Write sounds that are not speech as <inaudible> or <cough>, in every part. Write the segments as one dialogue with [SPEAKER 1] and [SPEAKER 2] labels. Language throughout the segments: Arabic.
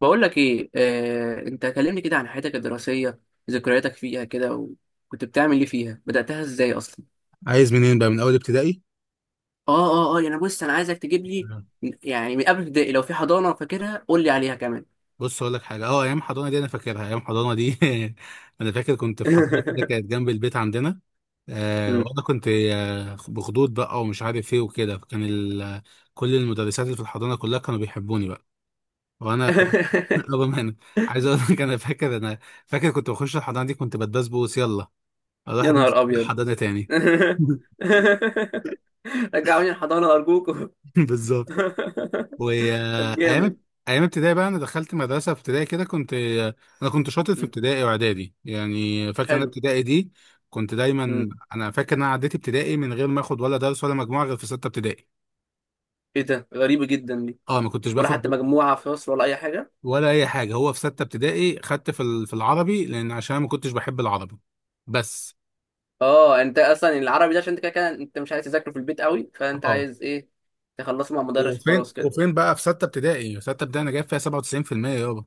[SPEAKER 1] بقول لك ايه، انت كلمني كده عن حياتك الدراسيه، ذكرياتك فيها كده. وكنت بتعمل ايه فيها؟ بداتها ازاي اصلا؟
[SPEAKER 2] عايز منين بقى، من اول ابتدائي؟
[SPEAKER 1] اه اه يعني بص، انا عايزك تجيب لي
[SPEAKER 2] مم.
[SPEAKER 1] يعني من قبل ابتدائي، لو في حضانه فاكرها قول لي عليها كمان.
[SPEAKER 2] بص اقول لك حاجه، ايام حضانه دي انا فاكرها. ايام حضانه دي <laughs> انا فاكر كنت في حضانه كده كانت
[SPEAKER 1] <laughs>
[SPEAKER 2] جنب البيت عندنا. آه
[SPEAKER 1] مم.
[SPEAKER 2] وانا كنت آه بخدود بقى ومش عارف ايه وكده، كل المدرسات اللي في الحضانه كلها كانوا بيحبوني بقى. وانا كنت
[SPEAKER 1] <laughs>
[SPEAKER 2] <laughs> رغم انا عايز اقول لك، انا فاكر كنت بخش الحضانه دي كنت بتبسبوس، يلا اروح
[SPEAKER 1] يا
[SPEAKER 2] أدرس
[SPEAKER 1] نهار
[SPEAKER 2] في
[SPEAKER 1] ابيض.
[SPEAKER 2] الحضانه تاني.
[SPEAKER 1] <laughs> رجعوني الحضانه ارجوكم.
[SPEAKER 2] <laughs> بالظبط.
[SPEAKER 1] <laughs> طب جامد.
[SPEAKER 2] وايام ايام ابتدائي بقى، انا دخلت مدرسه في ابتدائي كده، انا كنت شاطر في
[SPEAKER 1] مم.
[SPEAKER 2] ابتدائي واعدادي يعني. فاكر انا
[SPEAKER 1] حلو.
[SPEAKER 2] ابتدائي دي كنت دايما.
[SPEAKER 1] مم.
[SPEAKER 2] انا فاكر ان انا عديت ابتدائي من غير ما اخد ولا درس ولا مجموعه غير في سته ابتدائي.
[SPEAKER 1] ايه ده؟ غريبه جدا دي.
[SPEAKER 2] اه ما كنتش
[SPEAKER 1] ولا
[SPEAKER 2] باخد
[SPEAKER 1] حتى مجموعه في فصل ولا اي؟
[SPEAKER 2] ولا اي حاجه. هو في سته ابتدائي خدت في العربي، لان عشان أنا ما كنتش بحب العربي بس.
[SPEAKER 1] اه، انت اصلا العربي ده عشان انت كده كده انت مش عايز تذاكره في البيت قوي، فانت
[SPEAKER 2] اه،
[SPEAKER 1] عايز ايه؟ تخلصه مع مدرس
[SPEAKER 2] وفين
[SPEAKER 1] وخلاص كده.
[SPEAKER 2] وفين بقى. في سته ابتدائي انا جايب فيها 97% يابا.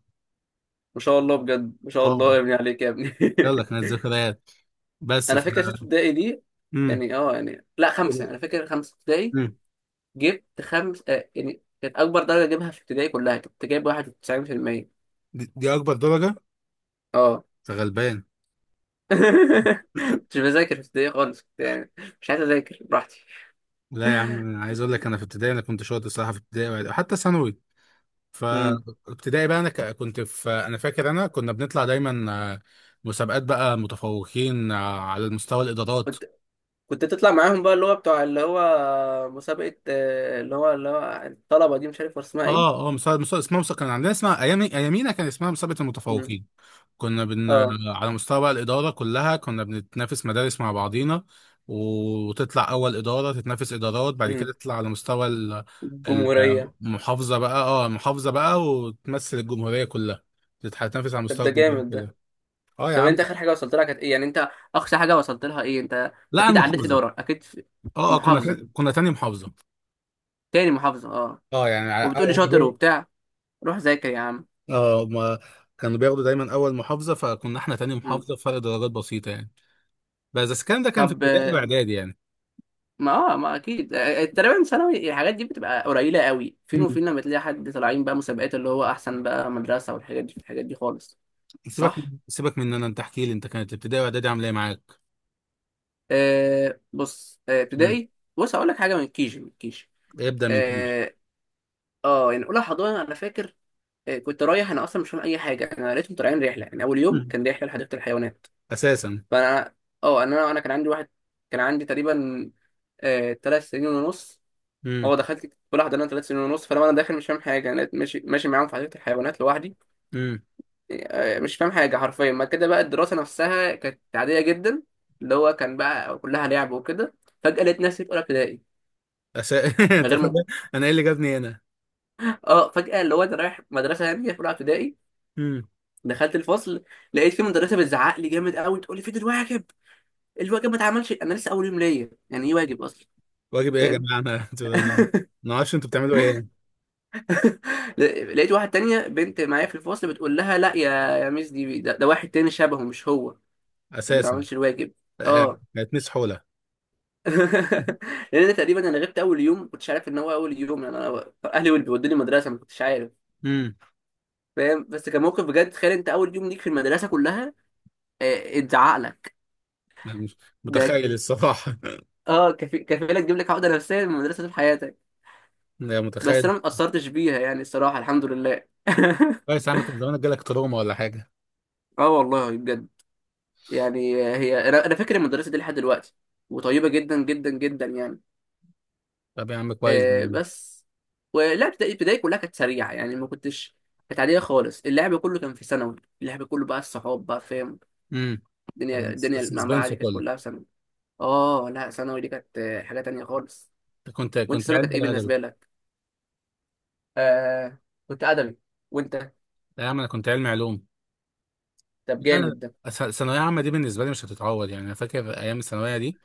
[SPEAKER 1] ما شاء الله بجد، ما شاء
[SPEAKER 2] اه،
[SPEAKER 1] الله يا ابني عليك يا ابني.
[SPEAKER 2] يلا كانت ذكريات
[SPEAKER 1] <laughs>
[SPEAKER 2] بس
[SPEAKER 1] انا فاكر سته ابتدائي دي، يعني لا خمسه، انا فاكر خمسه ابتدائي
[SPEAKER 2] امم.
[SPEAKER 1] جبت خمس، يعني كانت اكبر درجه اجيبها في ابتدائي كلها، كنت جايب 91%.
[SPEAKER 2] دي اكبر درجه.
[SPEAKER 1] اه.
[SPEAKER 2] أنت غلبان.
[SPEAKER 1] <laughs> مش بذاكر في ابتدائي خالص، كنت يعني مش عايز اذاكر، براحتي.
[SPEAKER 2] لا يا عم، انا عايز اقول لك انا في ابتدائي انا كنت شاطر الصراحه، في ابتدائي وحتى ثانوي.
[SPEAKER 1] امم.
[SPEAKER 2] فابتدائي بقى انا كنت في، انا فاكر انا كنا بنطلع دايما، مسابقات بقى متفوقين، على المستوى الادارات.
[SPEAKER 1] كنت تطلع معاهم بقى، اللي هو بتوع اللي هو مسابقة، اللي هو اللي هو الطلبة دي، مش عارف اسمها ايه.
[SPEAKER 2] مسابقه اسمها. مسابقه كان عندنا، اسمها ايام ايامينا، كان اسمها مسابقه
[SPEAKER 1] مم.
[SPEAKER 2] المتفوقين. كنا بن
[SPEAKER 1] اه.
[SPEAKER 2] على مستوى بقى الإدارة كلها كنا بنتنافس مدارس مع بعضينا، وتطلع أول إدارة تتنافس إدارات، بعد
[SPEAKER 1] مم.
[SPEAKER 2] كده تطلع على مستوى
[SPEAKER 1] الجمهورية.
[SPEAKER 2] المحافظة بقى. اه، المحافظة بقى، وتمثل الجمهورية كلها، تتنافس على
[SPEAKER 1] طب
[SPEAKER 2] مستوى
[SPEAKER 1] ده
[SPEAKER 2] الجمهورية
[SPEAKER 1] جامد ده.
[SPEAKER 2] كلها. اه يا
[SPEAKER 1] طب
[SPEAKER 2] عم.
[SPEAKER 1] انت اخر حاجة وصلت لها كانت ايه يعني؟ انت اقصى حاجة وصلت لها ايه انت؟
[SPEAKER 2] لا،
[SPEAKER 1] اكيد عديت
[SPEAKER 2] المحافظة.
[SPEAKER 1] ادارة، اكيد في محافظة.
[SPEAKER 2] كنا تاني محافظة.
[SPEAKER 1] تاني محافظة اه.
[SPEAKER 2] اه يعني على- اه
[SPEAKER 1] وبتقولي
[SPEAKER 2] هما
[SPEAKER 1] شاطر
[SPEAKER 2] بياخدوا-
[SPEAKER 1] وبتاع، روح ذاكر يا عم.
[SPEAKER 2] هما كانوا بياخدوا دايما أول محافظة، فكنا احنا تاني
[SPEAKER 1] مم.
[SPEAKER 2] محافظة، فرق درجات بسيطة يعني. بس الكلام ده كان في
[SPEAKER 1] طب،
[SPEAKER 2] ابتدائي وإعدادي يعني.
[SPEAKER 1] ما اكيد، تقريبا ثانوي الحاجات دي بتبقى قليلة قوي، فين وفين لما تلاقي حد طالعين بقى مسابقات اللي هو احسن بقى مدرسة والحاجات دي، الحاجات دي خالص.
[SPEAKER 2] سيبك،
[SPEAKER 1] صح.
[SPEAKER 2] من ان انت احكي لي انت كانت ابتدائي واعدادي عامله ايه معاك.
[SPEAKER 1] بص،
[SPEAKER 2] امم.
[SPEAKER 1] ابتدائي، بص هقول لك حاجه، من كيجي. من كيجي
[SPEAKER 2] ابدا من كيجي.
[SPEAKER 1] اه. يعني اولى حضانه انا فاكر، كنت رايح انا اصلا مش فاهم اي حاجه، انا لقيتهم طالعين رحله، يعني اول يوم
[SPEAKER 2] امم.
[SPEAKER 1] كان رحله لحديقه الحيوانات.
[SPEAKER 2] اساسا.
[SPEAKER 1] فانا، انا كان عندي واحد، كان عندي تقريبا ثلاث سنين ونص.
[SPEAKER 2] امم.
[SPEAKER 1] هو دخلت اولى حضانه ثلاث سنين ونص، فلما انا داخل مش فاهم حاجه، انا لقيت ماشي ماشي معاهم في حديقه الحيوانات لوحدي.
[SPEAKER 2] امم.
[SPEAKER 1] مش فاهم حاجه حرفيا. ما كده بقى الدراسه نفسها كانت عاديه جدا، اللي هو كان بقى كلها لعب وكده. فجاه لقيت نفسي في اولى ابتدائي
[SPEAKER 2] أسا... <laughs>
[SPEAKER 1] من
[SPEAKER 2] انت
[SPEAKER 1] غير
[SPEAKER 2] فاهم
[SPEAKER 1] ممكن.
[SPEAKER 2] انا ايه اللي جابني هنا.
[SPEAKER 1] اه، فجأة اللي هو انا رايح مدرسة يعني في رابعة ابتدائي،
[SPEAKER 2] امم.
[SPEAKER 1] دخلت الفصل، لقيت في مدرسة بتزعق لي جامد قوي، تقول لي فين الواجب. الواجب ما اتعملش، انا لسه اول يوم ليا، يعني ايه واجب اصلا؟
[SPEAKER 2] واجب ايه يا
[SPEAKER 1] فاهم؟
[SPEAKER 2] جماعه؟ انا أنا ما اعرفش انتوا بتعملوا ايه هنا.
[SPEAKER 1] <laughs> لقيت واحد تانية بنت معايا في الفصل بتقول لها: لا يا، يا ميس دي، ده واحد تاني شبهه مش هو اللي ما
[SPEAKER 2] اساسا.
[SPEAKER 1] عملش الواجب.
[SPEAKER 2] آه،
[SPEAKER 1] اه.
[SPEAKER 2] كانت ميس حوله.
[SPEAKER 1] <laughs> لان انا تقريبا انا غبت اول يوم، ما كنتش عارف ان هو اول يوم، يعني انا اهلي واللي بيودوني المدرسه ما كنتش عارف.
[SPEAKER 2] امم.
[SPEAKER 1] فاهم؟ بس كان موقف بجد، تخيل انت اول يوم ليك في المدرسه كلها اتزعق لك.
[SPEAKER 2] مش
[SPEAKER 1] ده
[SPEAKER 2] متخيل الصراحه.
[SPEAKER 1] اه كفيله تجيب لك عقده نفسيه من المدرسه طول حياتك.
[SPEAKER 2] <laughs> يا
[SPEAKER 1] بس
[SPEAKER 2] متخيل.
[SPEAKER 1] انا ما اتاثرتش بيها يعني، الصراحه الحمد لله. <laughs>
[SPEAKER 2] كويس يا عم، كان زمانك جالك تروما ولا حاجه.
[SPEAKER 1] اه والله بجد، يعني هي انا، انا فاكر المدرسه دي لحد دلوقتي، وطيبه جدا جدا جدا يعني.
[SPEAKER 2] طب يا عم، كويس.
[SPEAKER 1] بس ولا ابتدائي، ابتدائي كلها كانت سريعه، يعني ما كنتش، كانت عاديه خالص. اللعب كله كان في ثانوي، اللعب كله بقى الصحاب بقى، فاهم؟
[SPEAKER 2] امم.
[SPEAKER 1] الدنيا، المعمعه
[SPEAKER 2] السسبنس
[SPEAKER 1] دي كانت
[SPEAKER 2] كله.
[SPEAKER 1] كلها في ثانوي. اه، لا ثانوي دي كانت حاجه تانية خالص.
[SPEAKER 2] كنت
[SPEAKER 1] وانت
[SPEAKER 2] كنت
[SPEAKER 1] ثانوي
[SPEAKER 2] علمي
[SPEAKER 1] كانت ايه
[SPEAKER 2] ولا ادبي؟
[SPEAKER 1] بالنسبه لك؟ آه كنت ادبي. وانت؟
[SPEAKER 2] لا يا عم انا كنت علمي علوم.
[SPEAKER 1] طب
[SPEAKER 2] لا،
[SPEAKER 1] جامد ده.
[SPEAKER 2] ثانوية عامة دي بالنسبة لي مش هتتعوض يعني. أنا فاكر أيام الثانوية دي.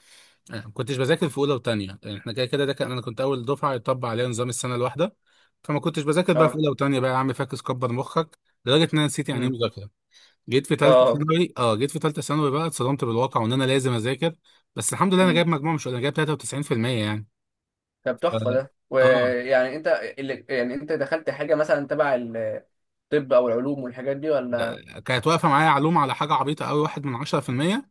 [SPEAKER 2] أنا ما كنتش بذاكر في أولى وتانية، يعني إحنا كده كده ده كان، أنا كنت أول دفعة يطبق عليها نظام السنة الواحدة. فما كنتش بذاكر بقى في
[SPEAKER 1] اه.
[SPEAKER 2] أولى وتانية بقى، يا عم فاكس كبر مخك. لدرجة إن أنا نسيت يعني إيه
[SPEAKER 1] امم.
[SPEAKER 2] مذاكرة. جيت في
[SPEAKER 1] اه
[SPEAKER 2] تالتة
[SPEAKER 1] اه،
[SPEAKER 2] ثانوي، أه جيت في تالتة ثانوي بقى اتصدمت بالواقع وإن أنا لازم أذاكر. بس الحمد لله أنا
[SPEAKER 1] امم.
[SPEAKER 2] جايب مجموع مش قليل، أنا جايب 93% يعني.
[SPEAKER 1] طب
[SPEAKER 2] ف...
[SPEAKER 1] تحفه ده.
[SPEAKER 2] أه
[SPEAKER 1] ويعني انت، اللي يعني انت دخلت حاجه مثلا تبع الطب او العلوم والحاجات دي ولا؟
[SPEAKER 2] كانت واقفة معايا علوم على حاجة عبيطة أوي، واحد من 10%،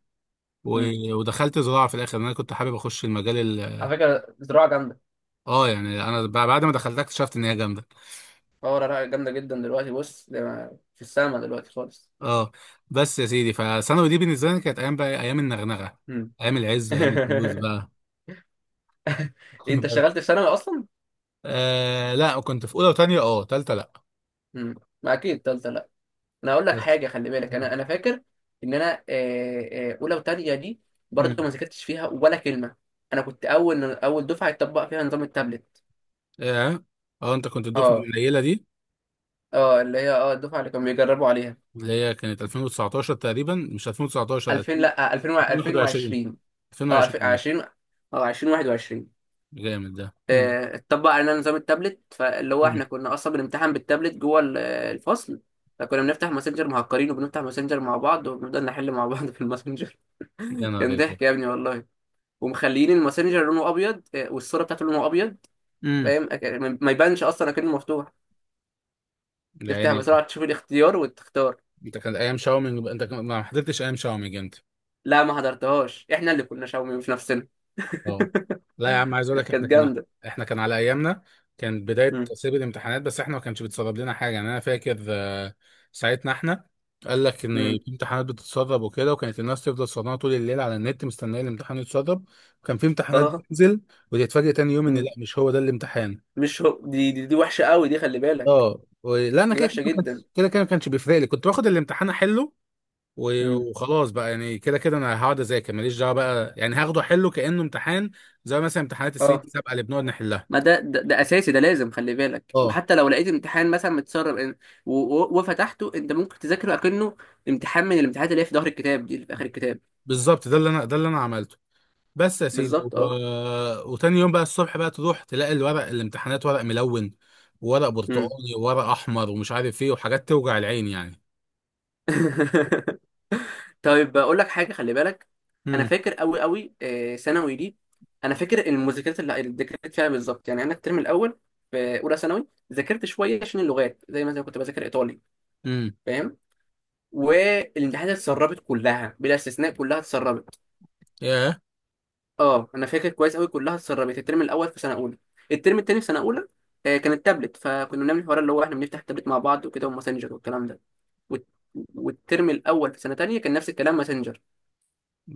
[SPEAKER 2] و...
[SPEAKER 1] امم.
[SPEAKER 2] ودخلت زراعة في الآخر، لأن أنا كنت حابب أخش المجال.
[SPEAKER 1] على فكره زراعه جامده.
[SPEAKER 2] اه يعني انا بعد ما دخلتها اكتشفت ان هي جامده.
[SPEAKER 1] اه، زراعه جامده جدا دلوقتي، بص ده في السما دلوقتي خالص.
[SPEAKER 2] اه. بس يا سيدي، فثانوي دي بالنسبه لي كانت ايام بقى إيه، ايام النغنغه،
[SPEAKER 1] امم.
[SPEAKER 2] ايام العز، ايام الفلوس
[SPEAKER 1] <laughs>
[SPEAKER 2] بقى.
[SPEAKER 1] انت اشتغلت
[SPEAKER 2] <laughs>
[SPEAKER 1] في ثانوي اصلا؟
[SPEAKER 2] لا كنت في اولى وثانيه، اه ثالثه لا.
[SPEAKER 1] امم. ما اكيد تالتة لا. انا اقول لك
[SPEAKER 2] بس
[SPEAKER 1] حاجه خلي بالك، انا فاكر ان انا، اولى وتانية دي برضه ما
[SPEAKER 2] امم.
[SPEAKER 1] ذاكرتش فيها ولا كلمه. انا كنت اول دفعه يطبق فيها نظام التابلت.
[SPEAKER 2] اه اه انت كنت الدفعه
[SPEAKER 1] اه.
[SPEAKER 2] القليله دي،
[SPEAKER 1] اه، اللي هي اه الدفعه اللي كانوا بيجربوا عليها.
[SPEAKER 2] اللي هي كانت 2019 تقريبا، مش 2019،
[SPEAKER 1] 2000، لا 2000
[SPEAKER 2] 2021،
[SPEAKER 1] 2020. اه 2000
[SPEAKER 2] 2021.
[SPEAKER 1] 20. اه 2021.
[SPEAKER 2] جامد ده. امم.
[SPEAKER 1] اتطبق علينا نظام التابلت، فاللي هو
[SPEAKER 2] امم.
[SPEAKER 1] احنا كنا اصلا بنمتحن بالتابلت جوه الفصل. فكنا بنفتح ماسنجر مهكرين، وبنفتح ماسنجر مع بعض، وبنفضل نحل مع بعض في الماسنجر.
[SPEAKER 2] يا
[SPEAKER 1] <laughs>
[SPEAKER 2] نهار
[SPEAKER 1] كان
[SPEAKER 2] أبيض.
[SPEAKER 1] ضحك يا ابني والله. ومخليين الماسنجر لونه ابيض، والصوره بتاعته لونه ابيض،
[SPEAKER 2] امم
[SPEAKER 1] فاهم؟ ما يبانش اصلا اكنه مفتوح، تفتح
[SPEAKER 2] يعني
[SPEAKER 1] بسرعه تشوف الاختيار وتختار.
[SPEAKER 2] انت. كان ايام شاومينج انت، ما حضرتش ايام شاومينج انت.
[SPEAKER 1] لا ما حضرتهاش، احنا اللي كنا شاومي مش نفسنا.
[SPEAKER 2] اه، لا يا عم، عايز اقول
[SPEAKER 1] <laughs>
[SPEAKER 2] لك
[SPEAKER 1] كانت جامده.
[SPEAKER 2] احنا كان على ايامنا كان بدايه تسريب الامتحانات، بس احنا ما كانش بيتسرب لنا حاجه يعني. انا فاكر، ساعتنا احنا قال لك ان
[SPEAKER 1] امم.
[SPEAKER 2] في امتحانات بتتسرب وكده، وكانت الناس تفضل سهرانه طول الليل على النت مستنيه الامتحان يتسرب. وكان في امتحانات
[SPEAKER 1] اه.
[SPEAKER 2] بتنزل وتتفاجئ تاني يوم ان لا،
[SPEAKER 1] امم.
[SPEAKER 2] مش هو ده الامتحان.
[SPEAKER 1] مش هو دي، دي وحشه قوي دي خلي بالك.
[SPEAKER 2] اه، لا انا
[SPEAKER 1] دي
[SPEAKER 2] كده كده
[SPEAKER 1] وحشه
[SPEAKER 2] ما
[SPEAKER 1] جدا.
[SPEAKER 2] كانش- كده كده ما كانش بيفرق لي، كنت باخد الامتحان احله.
[SPEAKER 1] امم.
[SPEAKER 2] وخلاص بقى، يعني كده كده انا هقعد اذاكر ماليش دعوه بقى، يعني هاخده احله كانه امتحان، زي مثلا امتحانات السنين
[SPEAKER 1] اه،
[SPEAKER 2] السابقه اللي بنقعد نحلها.
[SPEAKER 1] ما ده اساسي ده، لازم خلي بالك،
[SPEAKER 2] اه
[SPEAKER 1] وحتى لو لقيت امتحان مثلا متسرب إن وفتحته، انت ممكن تذاكره اكنه امتحان من الامتحانات اللي هي في ظهر الكتاب دي، اللي في اخر الكتاب.
[SPEAKER 2] بالظبط، ده اللي انا عملته. بس يا سيدي
[SPEAKER 1] بالظبط اه.
[SPEAKER 2] وتاني يوم بقى الصبح بقى تروح تلاقي الورق، الامتحانات ورق ملون، وورق
[SPEAKER 1] امم.
[SPEAKER 2] برتقالي، وورق احمر، ومش عارف ايه، وحاجات توجع العين يعني.
[SPEAKER 1] <laughs> طيب اقول لك حاجه خلي بالك، انا
[SPEAKER 2] امم.
[SPEAKER 1] فاكر قوي قوي، ثانوي دي انا فاكر المذاكرات اللي ذاكرت فيها بالظبط يعني. انا الترم الاول في اولى ثانوي ذاكرت شويه عشان اللغات، زي مثلا كنت بذاكر ايطالي،
[SPEAKER 2] امم.
[SPEAKER 1] فاهم؟ والامتحانات اتسربت كلها بلا استثناء، كلها اتسربت.
[SPEAKER 2] ياه.
[SPEAKER 1] اه انا فاكر كويس قوي، كلها اتسربت. الترم الاول في سنه اولى، الترم التاني في سنه اولى، كان التابلت، فكنا بنعمل الحوار اللي هو احنا بنفتح التابلت مع بعض وكده، وماسنجر والكلام ده. والت- والترم الاول في سنه تانية كان نفس الكلام، ماسنجر.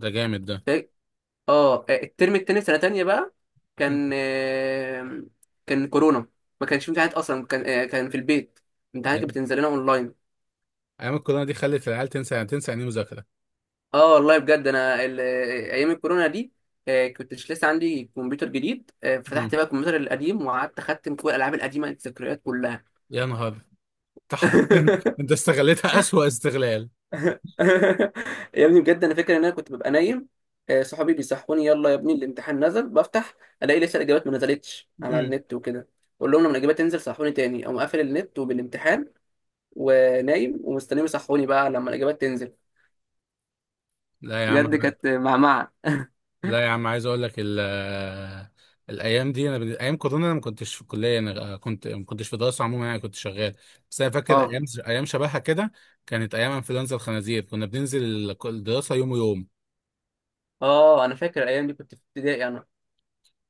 [SPEAKER 2] ده جامد ده.
[SPEAKER 1] فا- اه الترم التاني في سنه تانية بقى
[SPEAKER 2] مم.
[SPEAKER 1] كان كان كورونا. ما كانش في امتحانات اصلا، كان كان في البيت، امتحانات كانت
[SPEAKER 2] ايام
[SPEAKER 1] بتنزل لنا اونلاين.
[SPEAKER 2] أيام الكورونا دي خلت العيال تنسى، يعني تنسى يعني إيه مذاكره.
[SPEAKER 1] اه والله بجد، انا ايام الكورونا دي، كنت مش لسه عندي كمبيوتر جديد،
[SPEAKER 2] مم.
[SPEAKER 1] فتحت بقى الكمبيوتر القديم وقعدت اختم كل الالعاب القديمه، الذكريات كلها.
[SPEAKER 2] يا نهار. انت حرفياً-
[SPEAKER 1] <laughs>
[SPEAKER 2] أنت استغلتها اسوأ استغلال.
[SPEAKER 1] يا ابني بجد، انا فاكر ان انا كنت ببقى نايم، صحابي بيصحوني: يلا يا ابني الامتحان نزل. بفتح الاقي لسه الاجابات ما نزلتش على النت وكده، اقول لهم لما الاجابات تنزل صحوني تاني، اقوم قافل النت وبالامتحان ونايم ومستنيهم يصحوني بقى لما الاجابات تنزل.
[SPEAKER 2] لا يا عم
[SPEAKER 1] بجد كانت معمعه.
[SPEAKER 2] لا يا عم عايز اقول لك الايام دي، ايام كورونا انا ما كنتش في كليه، انا كنت، ما كنتش في دراسه عموما يعني، كنت شغال. بس انا فاكر
[SPEAKER 1] اه.
[SPEAKER 2] ايام، شبهها كده، كانت ايام انفلونزا الخنازير. كنا بننزل الدراسه يوم ويوم،
[SPEAKER 1] اه انا فاكر الايام دي كنت في ابتدائي،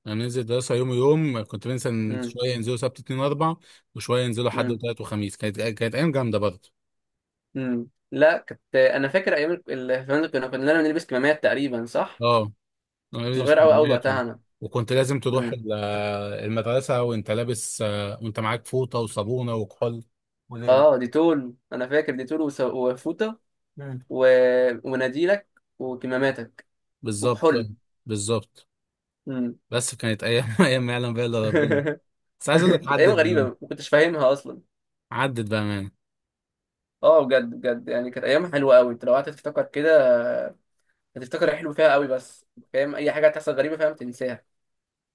[SPEAKER 2] كنا بننزل الدراسه يوم ويوم، كنت بننزل
[SPEAKER 1] انا.
[SPEAKER 2] شويه ينزلوا سبت اثنين واربع، وشويه ينزلوا حد
[SPEAKER 1] امم.
[SPEAKER 2] وثلاث وخميس. كانت كانت ايام جامده برضه.
[SPEAKER 1] امم، لا كنت انا فاكر ايام الفنادق، كنا بنلبس كمامات تقريبا، صح؟
[SPEAKER 2] اه، أنا
[SPEAKER 1] كنت
[SPEAKER 2] لابس
[SPEAKER 1] صغير قوي قوي
[SPEAKER 2] كميات
[SPEAKER 1] وقتها انا.
[SPEAKER 2] وكنت لازم تروح
[SPEAKER 1] امم.
[SPEAKER 2] المدرسه وانت لابس، وانت معاك فوطه وصابونه وكحول وليله.
[SPEAKER 1] اه دي تول، انا فاكر دي تول وفوطه
[SPEAKER 2] مم.
[SPEAKER 1] و... ومناديلك وكماماتك
[SPEAKER 2] بالظبط.
[SPEAKER 1] وكحول.
[SPEAKER 2] بالظبط.
[SPEAKER 1] امم.
[SPEAKER 2] بس كانت ايام <laughs> ايام ما يعلم بها الا ربنا.
[SPEAKER 1] <laughs>
[SPEAKER 2] بس عايز اقول لك،
[SPEAKER 1] كانت ايام
[SPEAKER 2] عدت
[SPEAKER 1] غريبه
[SPEAKER 2] بقى،
[SPEAKER 1] ما كنتش فاهمها اصلا.
[SPEAKER 2] مان.
[SPEAKER 1] اه بجد بجد، يعني كانت ايام حلوه قوي، انت لو قعدت تفتكر كده هتفتكر الحلو فيها قوي بس، فاهم؟ اي حاجه هتحصل غريبه، فاهم، تنساها.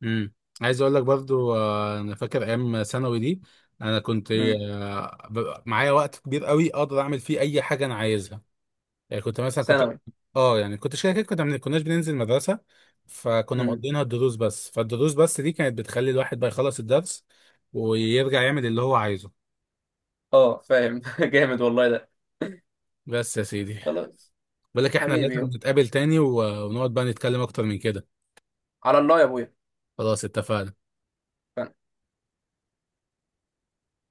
[SPEAKER 2] امم. عايز اقول لك برضو، انا فاكر ايام ثانوي دي، انا كنت،
[SPEAKER 1] امم.
[SPEAKER 2] معايا وقت كبير قوي اقدر اعمل فيه اي حاجه انا عايزها. يعني كنت مثلا كنت،
[SPEAKER 1] ثانوي.
[SPEAKER 2] اه يعني كنت كده كده كنا ما كناش بننزل مدرسه، فكنا
[SPEAKER 1] امم.
[SPEAKER 2] مقضينها الدروس بس، فالدروس بس دي كانت بتخلي الواحد بقى يخلص الدرس ويرجع يعمل اللي هو عايزه.
[SPEAKER 1] اه فاهم. <laughs> جامد والله ده.
[SPEAKER 2] بس يا سيدي،
[SPEAKER 1] خلاص.
[SPEAKER 2] بقول لك احنا
[SPEAKER 1] حبيبي
[SPEAKER 2] لازم
[SPEAKER 1] يابا.
[SPEAKER 2] نتقابل تاني، ونقعد بقى نتكلم اكتر من كده.
[SPEAKER 1] على الله يا ابويا.
[SPEAKER 2] خلاص اتفقنا.
[SPEAKER 1] ف-